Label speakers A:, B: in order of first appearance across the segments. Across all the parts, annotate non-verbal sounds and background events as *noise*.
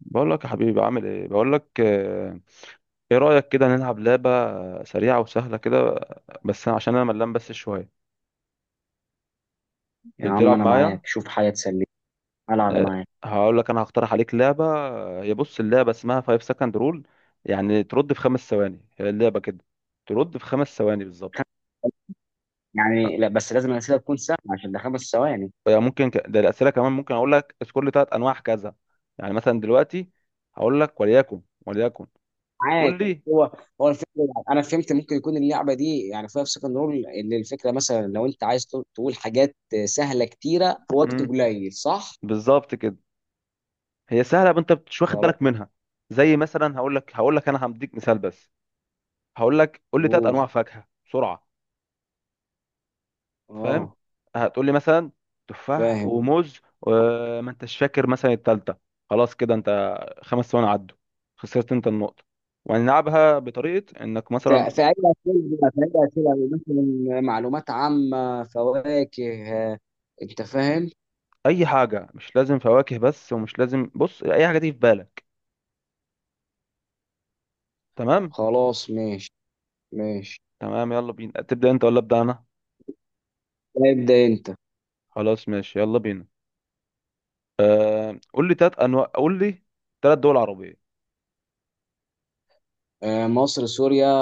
A: بقول لك يا حبيبي، عامل ايه؟ بقول لك آه. ايه رأيك كده نلعب لعبة سريعة وسهلة كده، بس عشان انا ملان بس شوية
B: يا عم
A: تلعب
B: انا
A: معايا.
B: معاك، شوف حاجه تسليني. العب
A: آه.
B: معاك.
A: هقول لك انا هقترح عليك لعبة، هي بص اللعبة اسمها 5 سكند رول، يعني ترد في خمس ثواني. هي اللعبة كده، ترد في خمس ثواني بالظبط.
B: خم- يعني لا، بس لازم الاسئله تكون سهله عشان ده 5 ثواني.
A: يعني ممكن ده الأسئلة كمان، ممكن اقول لك اذكر لي ثلاث انواع كذا، يعني مثلا دلوقتي هقول لك وليكن
B: معاك.
A: قول لي.
B: هو هو الفكره، انا فهمت. ممكن يكون اللعبه دي يعني فيها في سكند رول ان الفكره مثلا لو انت عايز تقول حاجات سهله كتيره في وقت
A: مم.
B: قليل، صح؟
A: بالظبط كده. هي سهله بس انت مش واخد
B: خلاص.
A: بالك منها. زي مثلا هقول لك انا هديك مثال بس. هقول لك قول لي ثلاث
B: قول.
A: انواع فاكهه بسرعه، فاهم؟
B: اه.
A: هتقول لي مثلا تفاح
B: فاهم.
A: وموز وما انتش فاكر مثلا الثالثه، خلاص كده انت. خمس ثواني عدوا، خسرت انت النقطه. وهنلعبها بطريقه انك
B: ف-
A: مثلا
B: فأي فأي أسئلة مثلا، معلومات عامة، فواكه، آه، أنت فاهم؟
A: اي حاجه، مش لازم فواكه بس، ومش لازم، بص اي حاجه دي في بالك. تمام.
B: خلاص ماشي. ماشي.
A: تمام، يلا بينا. تبدا انت ولا ابدا انا؟
B: ابدأ أنت.
A: خلاص ماشي، يلا بينا. قول لي ثلاث انواع، قول لي ثلاث دول عربيه.
B: آه،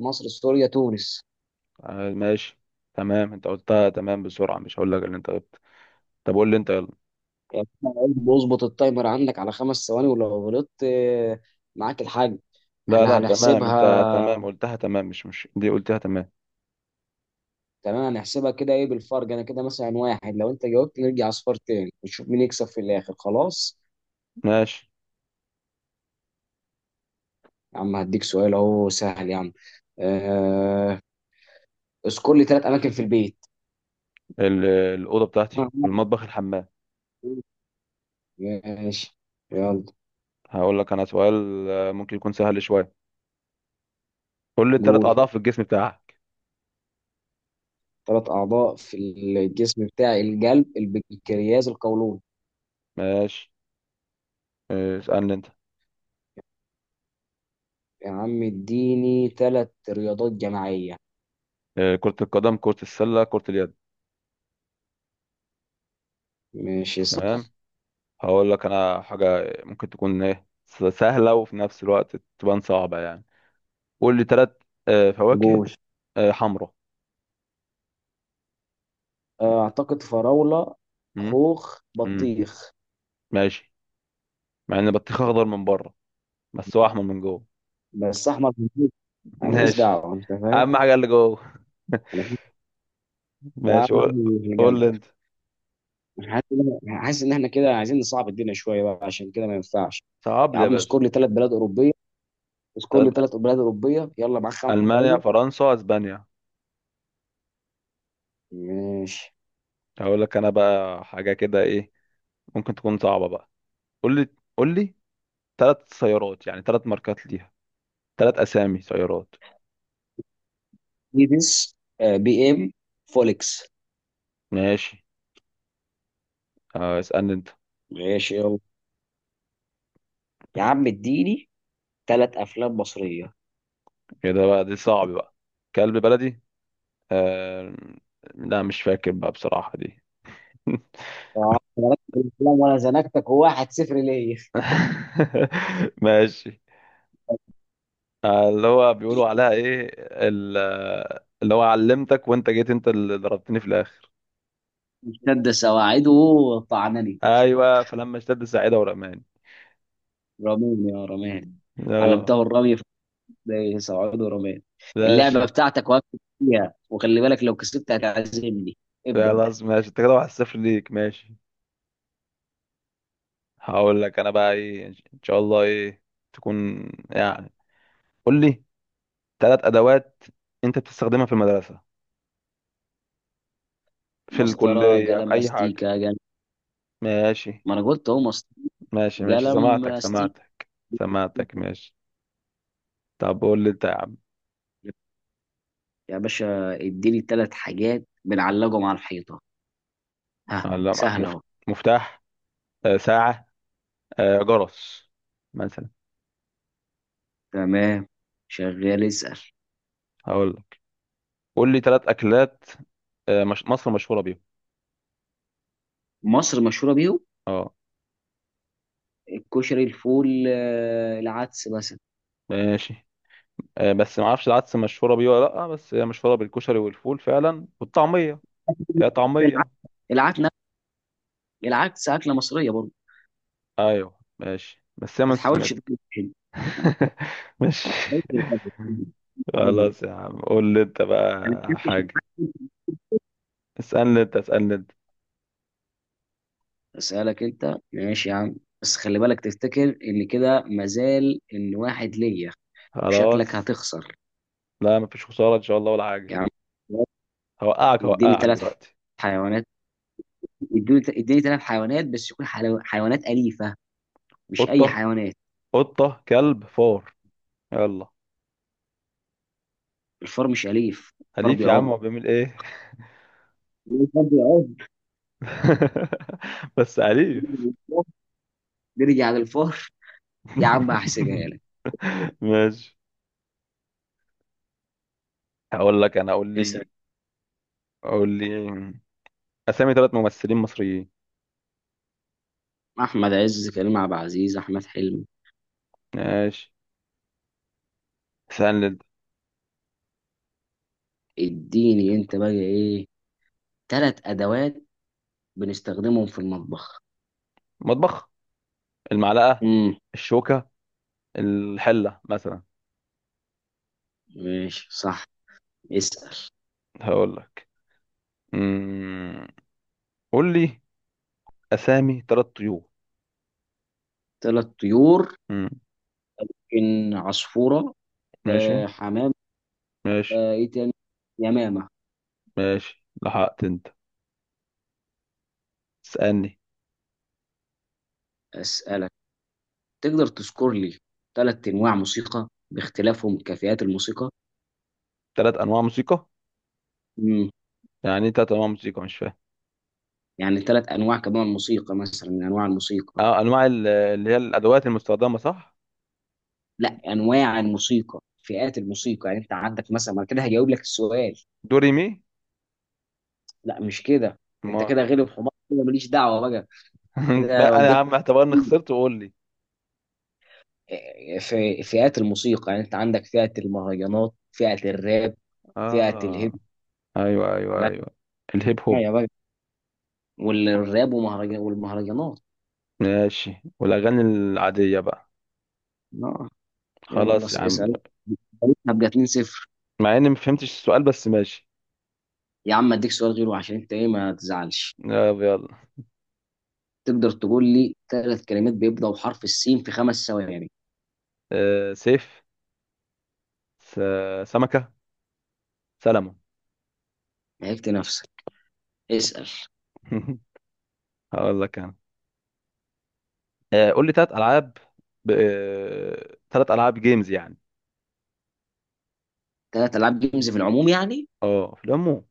B: مصر سوريا تونس.
A: آه، ماشي. تمام، انت قلتها تمام بسرعة، مش هقول لك اللي انت قلت. طب قول لي انت، يلا.
B: يعني أنا قلت بظبط، التايمر عندك على 5 ثواني ولو غلطت آه، معاك الحاج.
A: لا
B: احنا
A: لا، تمام انت،
B: هنحسبها.
A: تمام قلتها تمام، مش دي قلتها تمام.
B: تمام هنحسبها كده. ايه بالفرق؟ انا كده مثلا واحد، لو انت جاوبت نرجع اصفار تاني ونشوف مين يكسب في الاخر. خلاص.
A: ماشي.
B: يا عم هديك سؤال اهو سهل يا عم، آه، اذكر لي ثلاث اماكن في البيت.
A: الأوضة بتاعتي
B: *laughs*
A: والمطبخ، الحمام.
B: ماشي. يلا.
A: هقول لك انا سؤال، ممكن يكون سهل شوية. قول لي الثلاث
B: قول.
A: أعضاء في الجسم بتاعك.
B: ثلاث اعضاء في الجسم بتاعي، القلب البنكرياس القولون.
A: ماشي. اسألني انت.
B: يا عم اديني ثلاث رياضات جماعية.
A: كرة القدم، كرة السلة، كرة اليد.
B: ماشي صح.
A: تمام. هقول لك انا حاجة ممكن تكون ايه سهلة وفي نفس الوقت تبان صعبة، يعني قول لي ثلاث فواكه.
B: قول،
A: حمرا.
B: آه، اعتقد فراولة،
A: مم؟
B: خوخ،
A: مم.
B: بطيخ.
A: ماشي. مع ان البطيخ اخضر من بره بس هو احمر من جوه.
B: بس احمر في البيت.
A: *laughs*
B: انا ماليش
A: ماشي.
B: دعوة، انت فاهم.
A: اهم حاجه اللي جوه.
B: أنا حاسس-
A: *laughs*
B: يا عم
A: ماشي، قول.
B: أحمر في
A: قول
B: القلب.
A: لي انت.
B: أنا حاسس ان احنا كده عايزين نصعب الدنيا شوية بقى، عشان كده ما ينفعش.
A: صعب
B: يا
A: لي يا
B: عم
A: باشا.
B: اذكر لي ثلاث بلاد أوروبية. اذكر لي
A: طب،
B: ثلاث بلاد أوروبية، يلا معاك خمس
A: المانيا،
B: ثواني
A: فرنسا، اسبانيا.
B: ماشي.
A: هقول لك انا بقى حاجه كده، ايه ممكن تكون صعبه بقى. قول لي قول لي ثلاث سيارات، يعني ثلاث ماركات ليها، ثلاث اسامي سيارات.
B: ايدس، آه، بي ام، فولكس.
A: ماشي. اسالني انت.
B: ماشي. يلا يا عم اديني ثلاث افلام مصرية.
A: كده بقى دي صعب بقى. كلب بلدي. آه. لا، مش فاكر بقى بصراحه دي.
B: آه، أنا ركبت الأفلام وأنا زنقتك 1-0 ليا.
A: *laughs* *laughs* ماشي. اللي هو بيقولوا عليها ايه؟ ال- اللي هو علمتك وانت جيت، انت اللي ضربتني في الاخر.
B: اشتد سواعده، طعنني.
A: ايوه، فلما اشتد ساعدة ورماني.
B: رميني يا رماني. علمته
A: اه.
B: الرمي. سواعده رماني. اللعبة
A: ماشي.
B: بتاعتك وقفت فيها، وخلي بالك لو كسبت هتعزمني. ابدأ.
A: خلاص ماشي، انت كده واحد صفر ليك، ماشي. هقول لك انا بقى، ايه ان شاء الله، ايه تكون؟ يعني قول لي ثلاث ادوات انت بتستخدمها في المدرسة، في
B: مسطرة
A: الكلية، في
B: قلم
A: اي حاجة.
B: استيكة قلم.
A: ماشي.
B: ما أنا قلت أهو مسطرة
A: ماشي ماشي،
B: قلم
A: سمعتك
B: استيكة.
A: سمعتك. سمعتك ماشي. طب قول لي انت يا عم.
B: يا باشا اديني ثلاث حاجات بنعلقهم على الحيطة، ها،
A: ولا
B: سهلة أهو.
A: مفتاح، ساعة، جرس مثلا.
B: تمام، شغال، اسأل.
A: هقول لك قول لي ثلاث اكلات، مش... مصر مشهوره بيهم.
B: مصر مشهورة بيهم،
A: اه،
B: الكشري الفول آه، العدس مثلا.
A: ماشي. بس ما اعرفش العدس مشهوره بيه ولا لا، بس هي مشهوره بالكشري والفول فعلا والطعميه. يا طعميه.
B: العدس العدس نفس- العدس اكله مصريه برضه.
A: ايوه ماشي، بس هي
B: ما تحاولش تقول كده. ما
A: *laughs* ماشي.
B: تحاولش تقول كده.
A: خلاص يا عم، قول لي انت
B: انا
A: بقى
B: ما أكلتش
A: حاجه.
B: العدس.
A: اسالني انت.
B: اسالك انت ماشي يا عم، بس خلي بالك تفتكر ان كده مازال ان واحد ليا وشكلك
A: خلاص،
B: هتخسر.
A: لا مفيش خساره ان شاء الله ولا حاجه.
B: يا عم
A: هوقعك
B: اديني
A: هوقعك
B: ثلاث
A: دلوقتي.
B: حيوانات اديني ثلاث حيوانات بس يكون حيوانات أليفة، مش أي
A: قطه
B: حيوانات.
A: قطه كلب فار. يلا.
B: الفار مش أليف، الفار
A: أليف يا عم،
B: بيعض.
A: هو بيعمل إيه؟
B: الفار
A: *laughs* بس أليف.
B: بيعض. نرجع للفار. يا عم
A: *laughs*
B: هحسبها لك.
A: ماشي. هقول لك أنا،
B: اسال.
A: قول لي أسامي ثلاث ممثلين مصريين.
B: احمد عز، كريم عبد العزيز، احمد حلمي.
A: ماشي، سهل جدا.
B: اديني انت بقى ايه، ثلاث ادوات بنستخدمهم في المطبخ.
A: مطبخ، المعلقة،
B: امم.
A: الشوكة، الحلة مثلا.
B: ماشي صح. اسال.
A: هقول لك، أمم، قول لي أسامي ثلاث طيور.
B: ثلاث طيور.
A: أمم.
B: ان عصفوره.
A: ماشي
B: آه حمام.
A: ماشي
B: آه ايه تاني، يمامه.
A: ماشي، لحقت أنت. اسألني.
B: اسالك، تقدر تذكر لي ثلاث انواع موسيقى باختلافهم كفئات الموسيقى.
A: ثلاث أنواع موسيقى.
B: امم.
A: يعني إيه ثلاث أنواع موسيقى؟ مش فاهم.
B: يعني ثلاث انواع كمان موسيقى، مثلا من انواع الموسيقى.
A: اه، انواع اللي هي الادوات المستخدمه، صح؟
B: لا، انواع الموسيقى، فئات الموسيقى. يعني انت عندك مثلا، ما أنا كده هجاوب لك السؤال.
A: دوري مي.
B: لا مش كده. انت
A: ما
B: كده غلب حمار، كده ماليش دعوه بقى.
A: *laughs*
B: كده
A: انا يا
B: جبت
A: عم، اعتبرني خسرت وقول لي.
B: في فئات الموسيقى، يعني انت عندك فئه المهرجانات، فئه الراب، فئه الهيب.
A: اه. ايوه ايوه
B: لا.
A: ايوه، الهيب هوب.
B: يا بقى. والراب ومهرجان والمهرجانات.
A: ماشي، والاغاني العاديه بقى.
B: اه. يلا
A: خلاص يا عم.
B: اسال، هبقى 2-0.
A: مع اني ما فهمتش السؤال، بس ماشي.
B: يا عم اديك سؤال غيره عشان انت ايه ما تزعلش.
A: يلا يلا.
B: تقدر تقول لي ثلاث كلمات بيبداوا بحرف السين في 5 ثواني.
A: سيف، س... سمكه، سلمون.
B: لعبت نفسك. اسال.
A: *laughs* هقول لك انا، قول لي ثلاث العاب، ثلاث العاب جيمز يعني.
B: ثلاث العاب جيمز في العموم يعني.
A: اه، في العموم.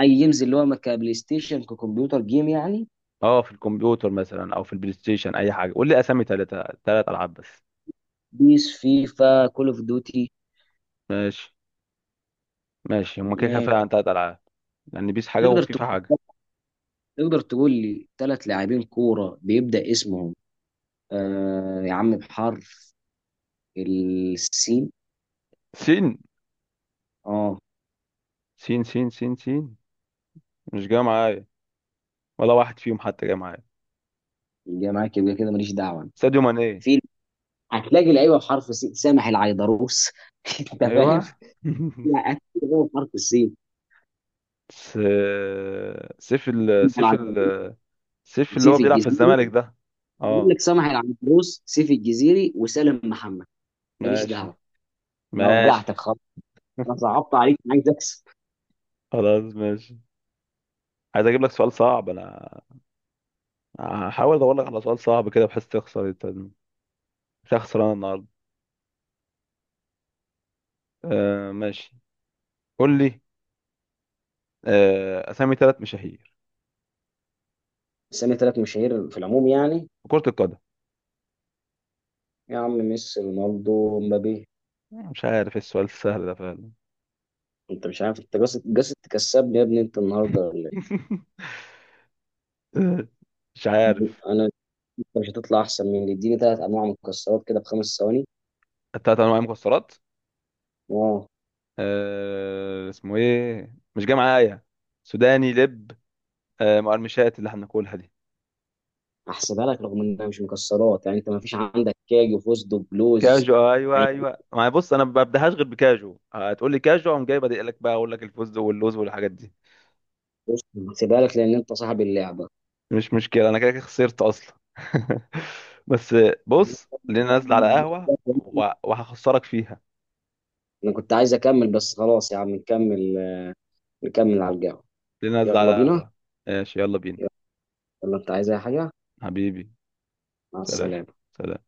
B: اي جيمز، اللي هو كبلاي ستيشن، ككمبيوتر جيم يعني.
A: اه، في الكمبيوتر مثلا او في البلاي ستيشن، اي حاجه. قول لي اسامي ثلاث العاب بس.
B: بيس، فيفا، كول اوف ديوتي.
A: ماشي. ماشي، هما كده كده
B: ماشي.
A: فعلا ثلاث العاب، لان بيس حاجه
B: تقدر
A: وفيفا حاجه.
B: تقول تقدر تقول لي ثلاث لاعبين كوره بيبدا اسمهم آه يا عم بحرف السين.
A: سين
B: اه.
A: سين سين سين سين، مش جاي معايا. ولا واحد فيهم حتى جاي معايا.
B: يبقى معاك، يبقى كده ماليش دعوه أنا.
A: ساديو ماني.
B: في، هتلاقي لعيبه بحرف السين، سامح العيدروس. *laughs* انت فاهم؟
A: ايوه.
B: لا
A: *laughs*
B: هتلاقي لعيبة بحرف السين،
A: س... سيف ال...
B: سامح
A: سيف
B: العيدروس
A: ال... سيف اللي هو
B: وسيف
A: بيلعب في
B: الجزيري.
A: الزمالك ده.
B: بيقول
A: اه.
B: لك سامح العيدروس، سيف الجزيري، وسالم محمد. ماليش
A: ماشي.
B: دعوه. انا
A: ماشي.
B: وجعتك خالص.
A: *laughs*
B: انا صعبت عليك، انا عايز اكسب.
A: خلاص ماشي، عايز اجيب لك سؤال صعب انا. هحاول ادور لك على سؤال صعب كده بحيث تخسر انت. انت خسران النهارده. ماشي. قول لي، اسامي ثلاث مشاهير
B: سامي ثلاث مشاهير في العموم يعني.
A: في كرة القدم.
B: يا عم، ميسي، رونالدو، مبابي.
A: مش عارف ايه السؤال السهل ده فعلا.
B: انت مش عارف، انت قاصد تكسبني يا ابني انت النهارده، ولا
A: *laughs* مش
B: إيه؟
A: عارف.
B: انا، انت مش هتطلع احسن مني. اديني ثلاث انواع مكسرات كده ب5 ثواني.
A: التلات انواع مكسرات.
B: اه.
A: اسمه ايه، مش جاي معايا. سوداني، لب. مقرمشات اللي احنا بناكلها دي.
B: هحسبها لك رغم انها مش مكسرات، يعني انت ما فيش عندك كاج وفوزدو بلوز
A: كاجو، ايوه
B: يعني.
A: ايوه. ما بص، انا ما ببداهاش غير بكاجو. هتقول لي كاجو، اقوم جاي بادئ لك بقى اقول لك الفوز واللوز والحاجات دي.
B: بص، هحسبها لك لان انت صاحب اللعبه.
A: مش مشكلة، أنا كده كده خسرت أصلا. *laughs* بس، بص لينا نازلة على قهوة وهخسرك فيها.
B: انا كنت عايز اكمل بس خلاص يا عم نكمل، نكمل على القهوه.
A: لينا نازلة على
B: يلا بينا.
A: قهوة. ماشي، يلا بينا.
B: يلا انت عايز اي حاجه.
A: حبيبي.
B: مع
A: سلام.
B: السلامة.
A: سلام.